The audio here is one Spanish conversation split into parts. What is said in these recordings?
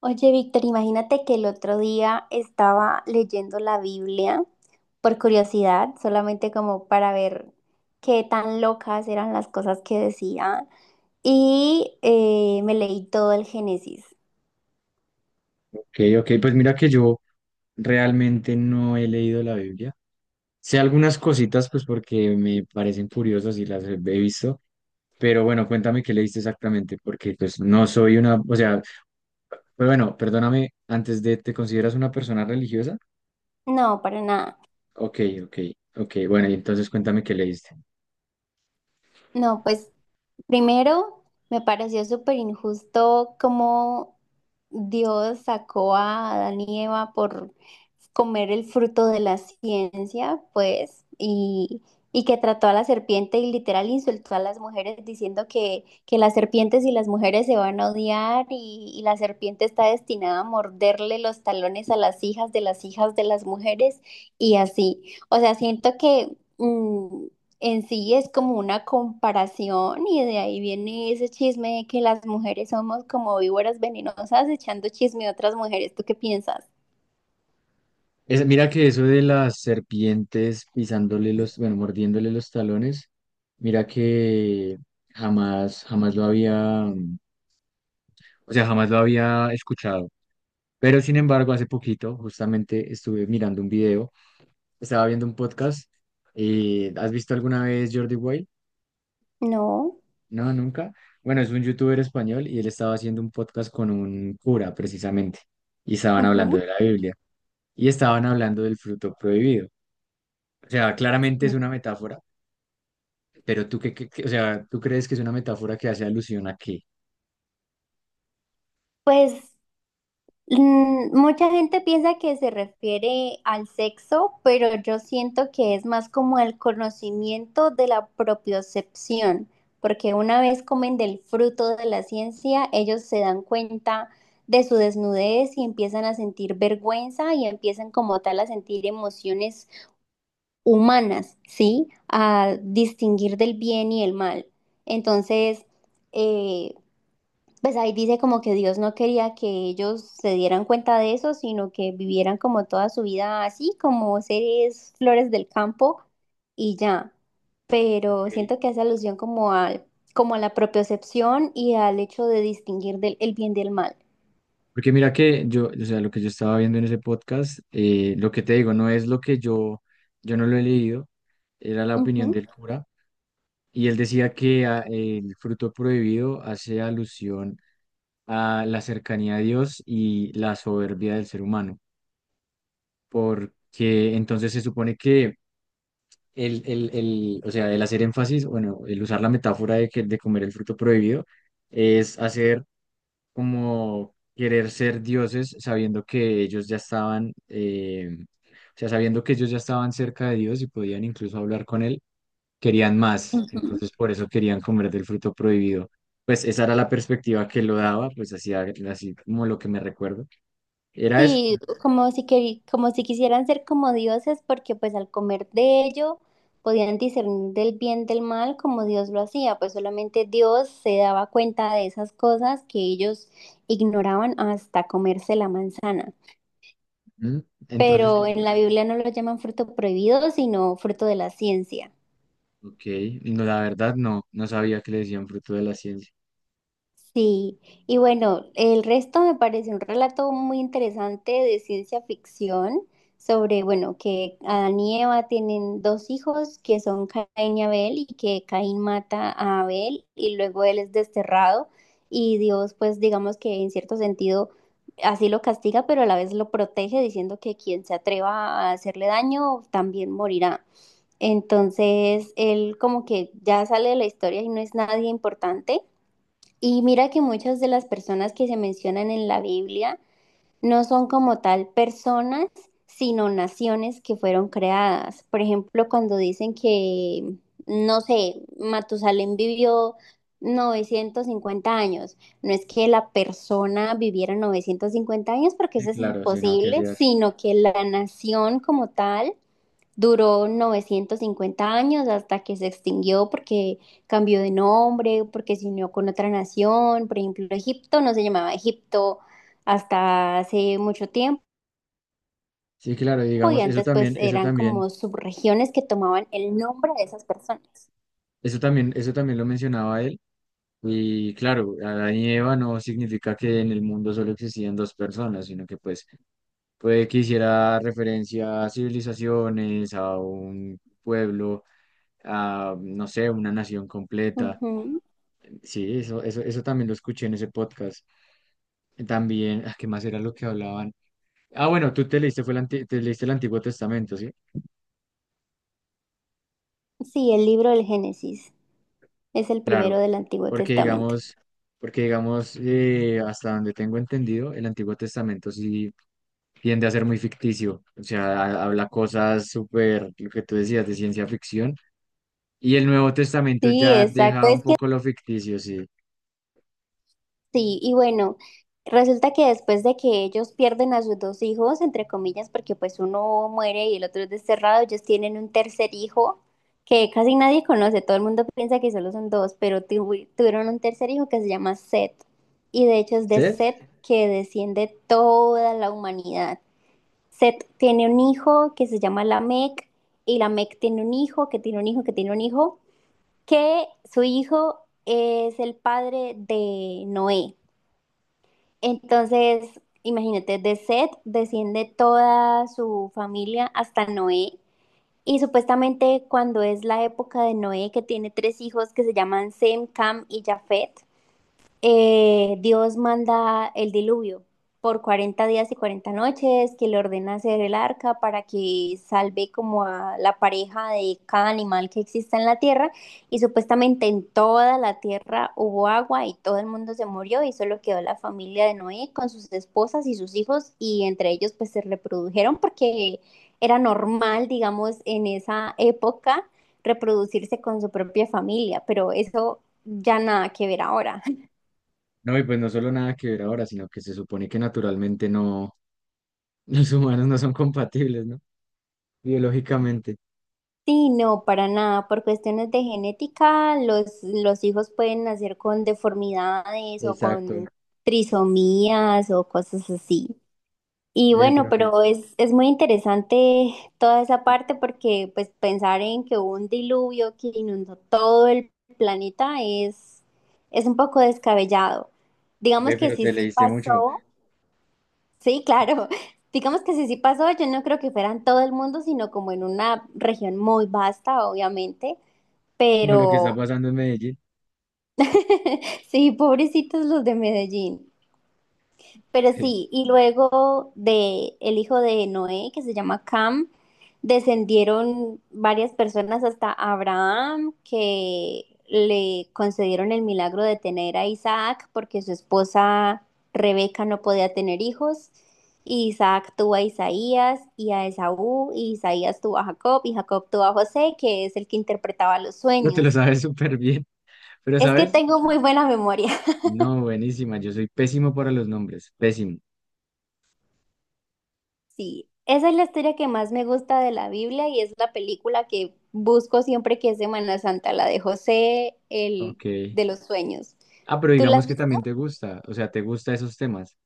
Oye, Víctor, imagínate que el otro día estaba leyendo la Biblia por curiosidad, solamente como para ver qué tan locas eran las cosas que decía, y me leí todo el Génesis. Ok, ok, pues mira que yo realmente no he leído la Biblia. Sé algunas cositas, pues porque me parecen curiosas y las he visto, pero bueno, cuéntame qué leíste exactamente, porque pues no soy una, o sea, pues bueno, perdóname, antes de, ¿te consideras una persona religiosa? No, para nada. Ok, ok, ok, bueno, y entonces cuéntame qué leíste. No, pues primero me pareció súper injusto cómo Dios sacó a Adán y Eva por comer el fruto de la ciencia, pues, y que trató a la serpiente y literal insultó a las mujeres diciendo que las serpientes y las mujeres se van a odiar y la serpiente está destinada a morderle los talones a las hijas de las hijas de las mujeres y así. O sea, siento que mm, en sí es como una comparación y de ahí viene ese chisme de que las mujeres somos como víboras venenosas echando chisme a otras mujeres. ¿Tú qué piensas? Mira que eso de las serpientes pisándole los, bueno, mordiéndole los talones, mira que jamás, jamás lo había, o sea, jamás lo había escuchado. Pero sin embargo, hace poquito justamente estuve mirando un video, estaba viendo un podcast. ¿Has visto alguna vez Jordi Wild? No. No, nunca. Bueno, es un youtuber español y él estaba haciendo un podcast con un cura precisamente y estaban hablando Ujú. de la Biblia y estaban hablando del fruto prohibido. O sea, claramente es una metáfora, pero tú qué, o sea, ¿tú crees que es una metáfora que hace alusión a qué? Pues mucha gente piensa que se refiere al sexo, pero yo siento que es más como el conocimiento de la propiocepción, porque una vez comen del fruto de la ciencia, ellos se dan cuenta de su desnudez y empiezan a sentir vergüenza y empiezan como tal a sentir emociones humanas, ¿sí? A distinguir del bien y el mal. Entonces, eh, pues ahí dice como que Dios no quería que ellos se dieran cuenta de eso, sino que vivieran como toda su vida así, como seres flores del campo y ya. Pero Ok. siento que hace alusión como a la propiocepción y al hecho de distinguir el bien del mal. Porque mira que yo, o sea, lo que yo estaba viendo en ese podcast, lo que te digo, no es lo que yo no lo he leído, era la opinión Ujú, del cura, y él decía que ah, el fruto prohibido hace alusión a la cercanía a Dios y la soberbia del ser humano, porque entonces se supone que el, o sea, el hacer énfasis, bueno, el usar la metáfora de, que, de comer el fruto prohibido, es hacer como querer ser dioses sabiendo que ellos ya estaban, o sea, sabiendo que ellos ya estaban cerca de Dios y podían incluso hablar con él, querían más, ujú. entonces por eso querían comer del fruto prohibido. Pues esa era la perspectiva que lo daba, pues así, así como lo que me recuerdo. Era eso. Sí, como si, como si quisieran ser como dioses, porque pues al comer de ello podían discernir del bien del mal como Dios lo hacía, pues solamente Dios se daba cuenta de esas cosas que ellos ignoraban hasta comerse la manzana. Ujú. Entonces, Pero en la Biblia no lo llaman fruto prohibido, sino fruto de la ciencia. ok, no, la verdad no, no sabía que le decían fruto de la ciencia. Sí, y bueno, el resto me parece un relato muy interesante de ciencia ficción sobre, bueno, que Adán y Eva tienen dos hijos que son Caín y Abel y que Caín mata a Abel y luego él es desterrado y Dios pues digamos que en cierto sentido así lo castiga pero a la vez lo protege diciendo que quien se atreva a hacerle daño también morirá. Entonces él como que ya sale de la historia y no es nadie importante y mira que muchas de las personas que se mencionan en la Biblia no son como tal personas, sino naciones que fueron creadas. Por ejemplo, cuando dicen que, no sé, Matusalén vivió 950 años, no es que la persona viviera 950 años porque Sí, eso es claro, sí, no, ¿qué imposible, hacías? sino que la nación como tal duró 950 años hasta que se extinguió porque cambió de nombre, porque se unió con otra nación. Por ejemplo, Egipto no se llamaba Egipto hasta hace mucho tiempo Sí, claro, y digamos, eso antes pues también, eso eran también, como subregiones que tomaban el nombre de esas personas. eso también, eso también lo mencionaba él. Y claro, Adán y Eva no significa que en el mundo solo existían dos personas, sino que pues puede que hiciera referencia a civilizaciones, a un pueblo, a no sé, una nación completa. Ujú. Sí, eso también lo escuché en ese podcast. También, ah, ¿qué más era lo que hablaban? Ah, bueno, tú te leíste, te leíste el Antiguo Testamento, ¿sí? Sí, el libro del Génesis es el primero Claro, del Antiguo porque Testamento. digamos, porque digamos, hasta donde tengo entendido, el Antiguo Testamento sí tiende a ser muy ficticio, o sea, habla cosas súper, lo que tú decías, de ciencia ficción, y el Nuevo Testamento Sí, ya exacto. deja un Es poco lo ficticio, sí. Sí, y bueno, resulta que después de que ellos pierden a sus dos hijos, entre comillas, porque pues uno muere y el otro es desterrado, ellos tienen un tercer hijo que casi nadie conoce, todo el mundo piensa que solo son dos, pero tuvieron un tercer hijo que se llama Seth, y de hecho es de ¿Usted? Seth que desciende toda la humanidad. Seth tiene un hijo que se llama Lamec, y Lamec tiene un hijo que tiene un hijo que tiene un hijo, que su hijo es el padre de Noé. Entonces, imagínate, de Seth desciende toda su familia hasta Noé. Y supuestamente cuando es la época de Noé, que tiene tres hijos que se llaman Sem, Cam y Jafet, Dios manda el diluvio por 40 días y 40 noches, que le ordena hacer el arca para que salve como a la pareja de cada animal que exista en la tierra. Y supuestamente en toda la tierra hubo agua y todo el mundo se murió y solo quedó la familia de Noé con sus esposas y sus hijos y entre ellos pues se reprodujeron porque era normal, digamos, en esa época reproducirse con su propia familia, pero eso ya nada que ver ahora. No, y pues no solo nada que ver ahora, sino que se supone que naturalmente no, los humanos no son compatibles, ¿no? Biológicamente. Sí, no, para nada. Por cuestiones de genética, los hijos pueden nacer con deformidades o Exacto. con trisomías o cosas así. Y Ve, bueno, pero que, pero es muy interesante toda esa parte porque pues pensar en que hubo un diluvio que inundó todo el planeta es un poco descabellado. Digamos ve, que pero sí, te sí leíste mucho, pasó. Sí, claro. Digamos que si sí pasó, yo no creo que fuera en todo el mundo, sino como en una región muy vasta, obviamente, como lo que está pero pasando en Medellín. sí, pobrecitos los de Medellín. Pero Sí. sí, y luego de el hijo de Noé, que se llama Cam, descendieron varias personas hasta Abraham, que le concedieron el milagro de tener a Isaac, porque su esposa Rebeca no podía tener hijos. Y Isaac tuvo a Isaías y a Esaú, y Isaías tuvo a Jacob, y Jacob tuvo a José, que es el que interpretaba los Pero te lo sueños. sabes súper bien. Pero, Es que ¿sabes? tengo muy buena memoria. No, buenísima. Yo soy pésimo para los nombres. Pésimo. Sí, esa es la historia que más me gusta de la Biblia y es la película que busco siempre que es Semana Santa, la de José, el Ok. de los sueños. Ah, pero ¿Tú la digamos has que visto? también te gusta, o sea, te gusta esos temas.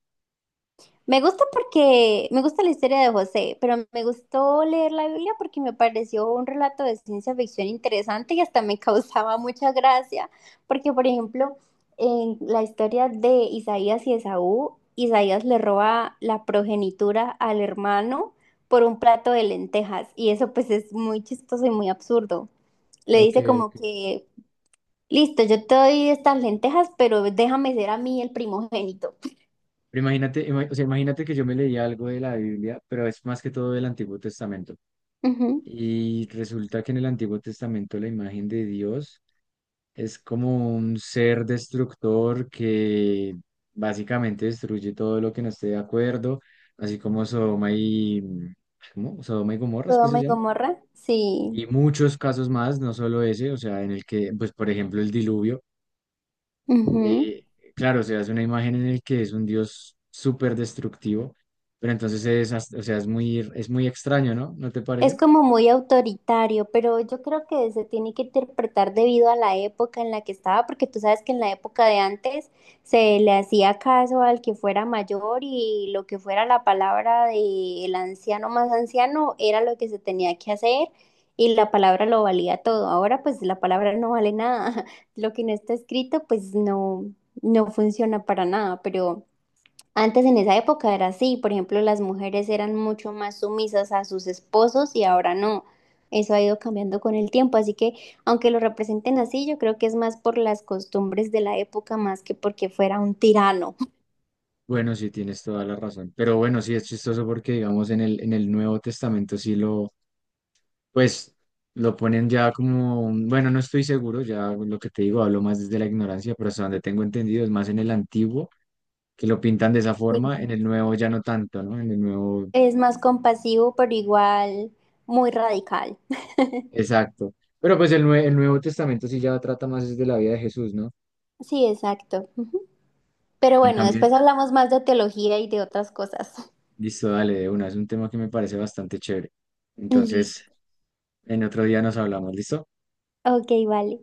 Me gusta porque me gusta la historia de José, pero me gustó leer la Biblia porque me pareció un relato de ciencia ficción interesante y hasta me causaba mucha gracia, porque por ejemplo, en la historia de Isaías y Esaú, Isaías le roba la progenitura al hermano por un plato de lentejas y eso pues es muy chistoso y muy absurdo. Le Ok, dice como ok. que, listo, yo te doy estas lentejas, pero déjame ser a mí el primogénito. Pero imagínate, o sea, imagínate que yo me leía algo de la Biblia, pero es más que todo del Antiguo Testamento. Ujú. Y resulta que en el Antiguo Testamento la imagen de Dios es como un ser destructor que básicamente destruye todo lo que no esté de acuerdo, así como Sodoma y... ¿Cómo? Sodoma y Gomorra, ¿es que se Sodoma y llama? Gomorra, Y sí. muchos casos más, no solo ese, o sea, en el que, pues, por ejemplo, el diluvio Ujú. eh, claro, o sea, es una imagen en el que es un dios súper destructivo, pero entonces es, o sea, es muy extraño, ¿no? ¿No te parece? Es como muy autoritario, pero yo creo que se tiene que interpretar debido a la época en la que estaba, porque tú sabes que en la época de antes se le hacía caso al que fuera mayor y lo que fuera la palabra del anciano más anciano era lo que se tenía que hacer y la palabra lo valía todo. Ahora pues la palabra no vale nada. Lo que no está escrito pues no, no funciona para nada. Pero... Antes en esa época era así, por ejemplo, las mujeres eran mucho más sumisas a sus esposos y ahora no. Eso ha ido cambiando con el tiempo, así que aunque lo representen así, yo creo que es más por las costumbres de la época más que porque fuera un tirano. Bueno, sí, tienes toda la razón. Pero bueno, sí, es chistoso porque, digamos, en el Nuevo Testamento sí lo, pues, lo ponen ya como, bueno, no estoy seguro, ya lo que te digo, hablo más desde la ignorancia, pero hasta donde tengo entendido es más en el Antiguo, que lo pintan de esa forma, Sí. en el Nuevo ya no tanto, ¿no? En el Nuevo, Es más compasivo, pero igual muy radical. exacto. Pero pues el, el Nuevo Testamento sí ya trata más es de la vida de Jesús, ¿no? Sí, exacto. Ujú. Pero En bueno, cambio, después hablamos más de teología y de otras cosas. listo, dale de una. Es un tema que me parece bastante chévere. Listo. Entonces, en otro día nos hablamos, ¿listo? Ok, vale.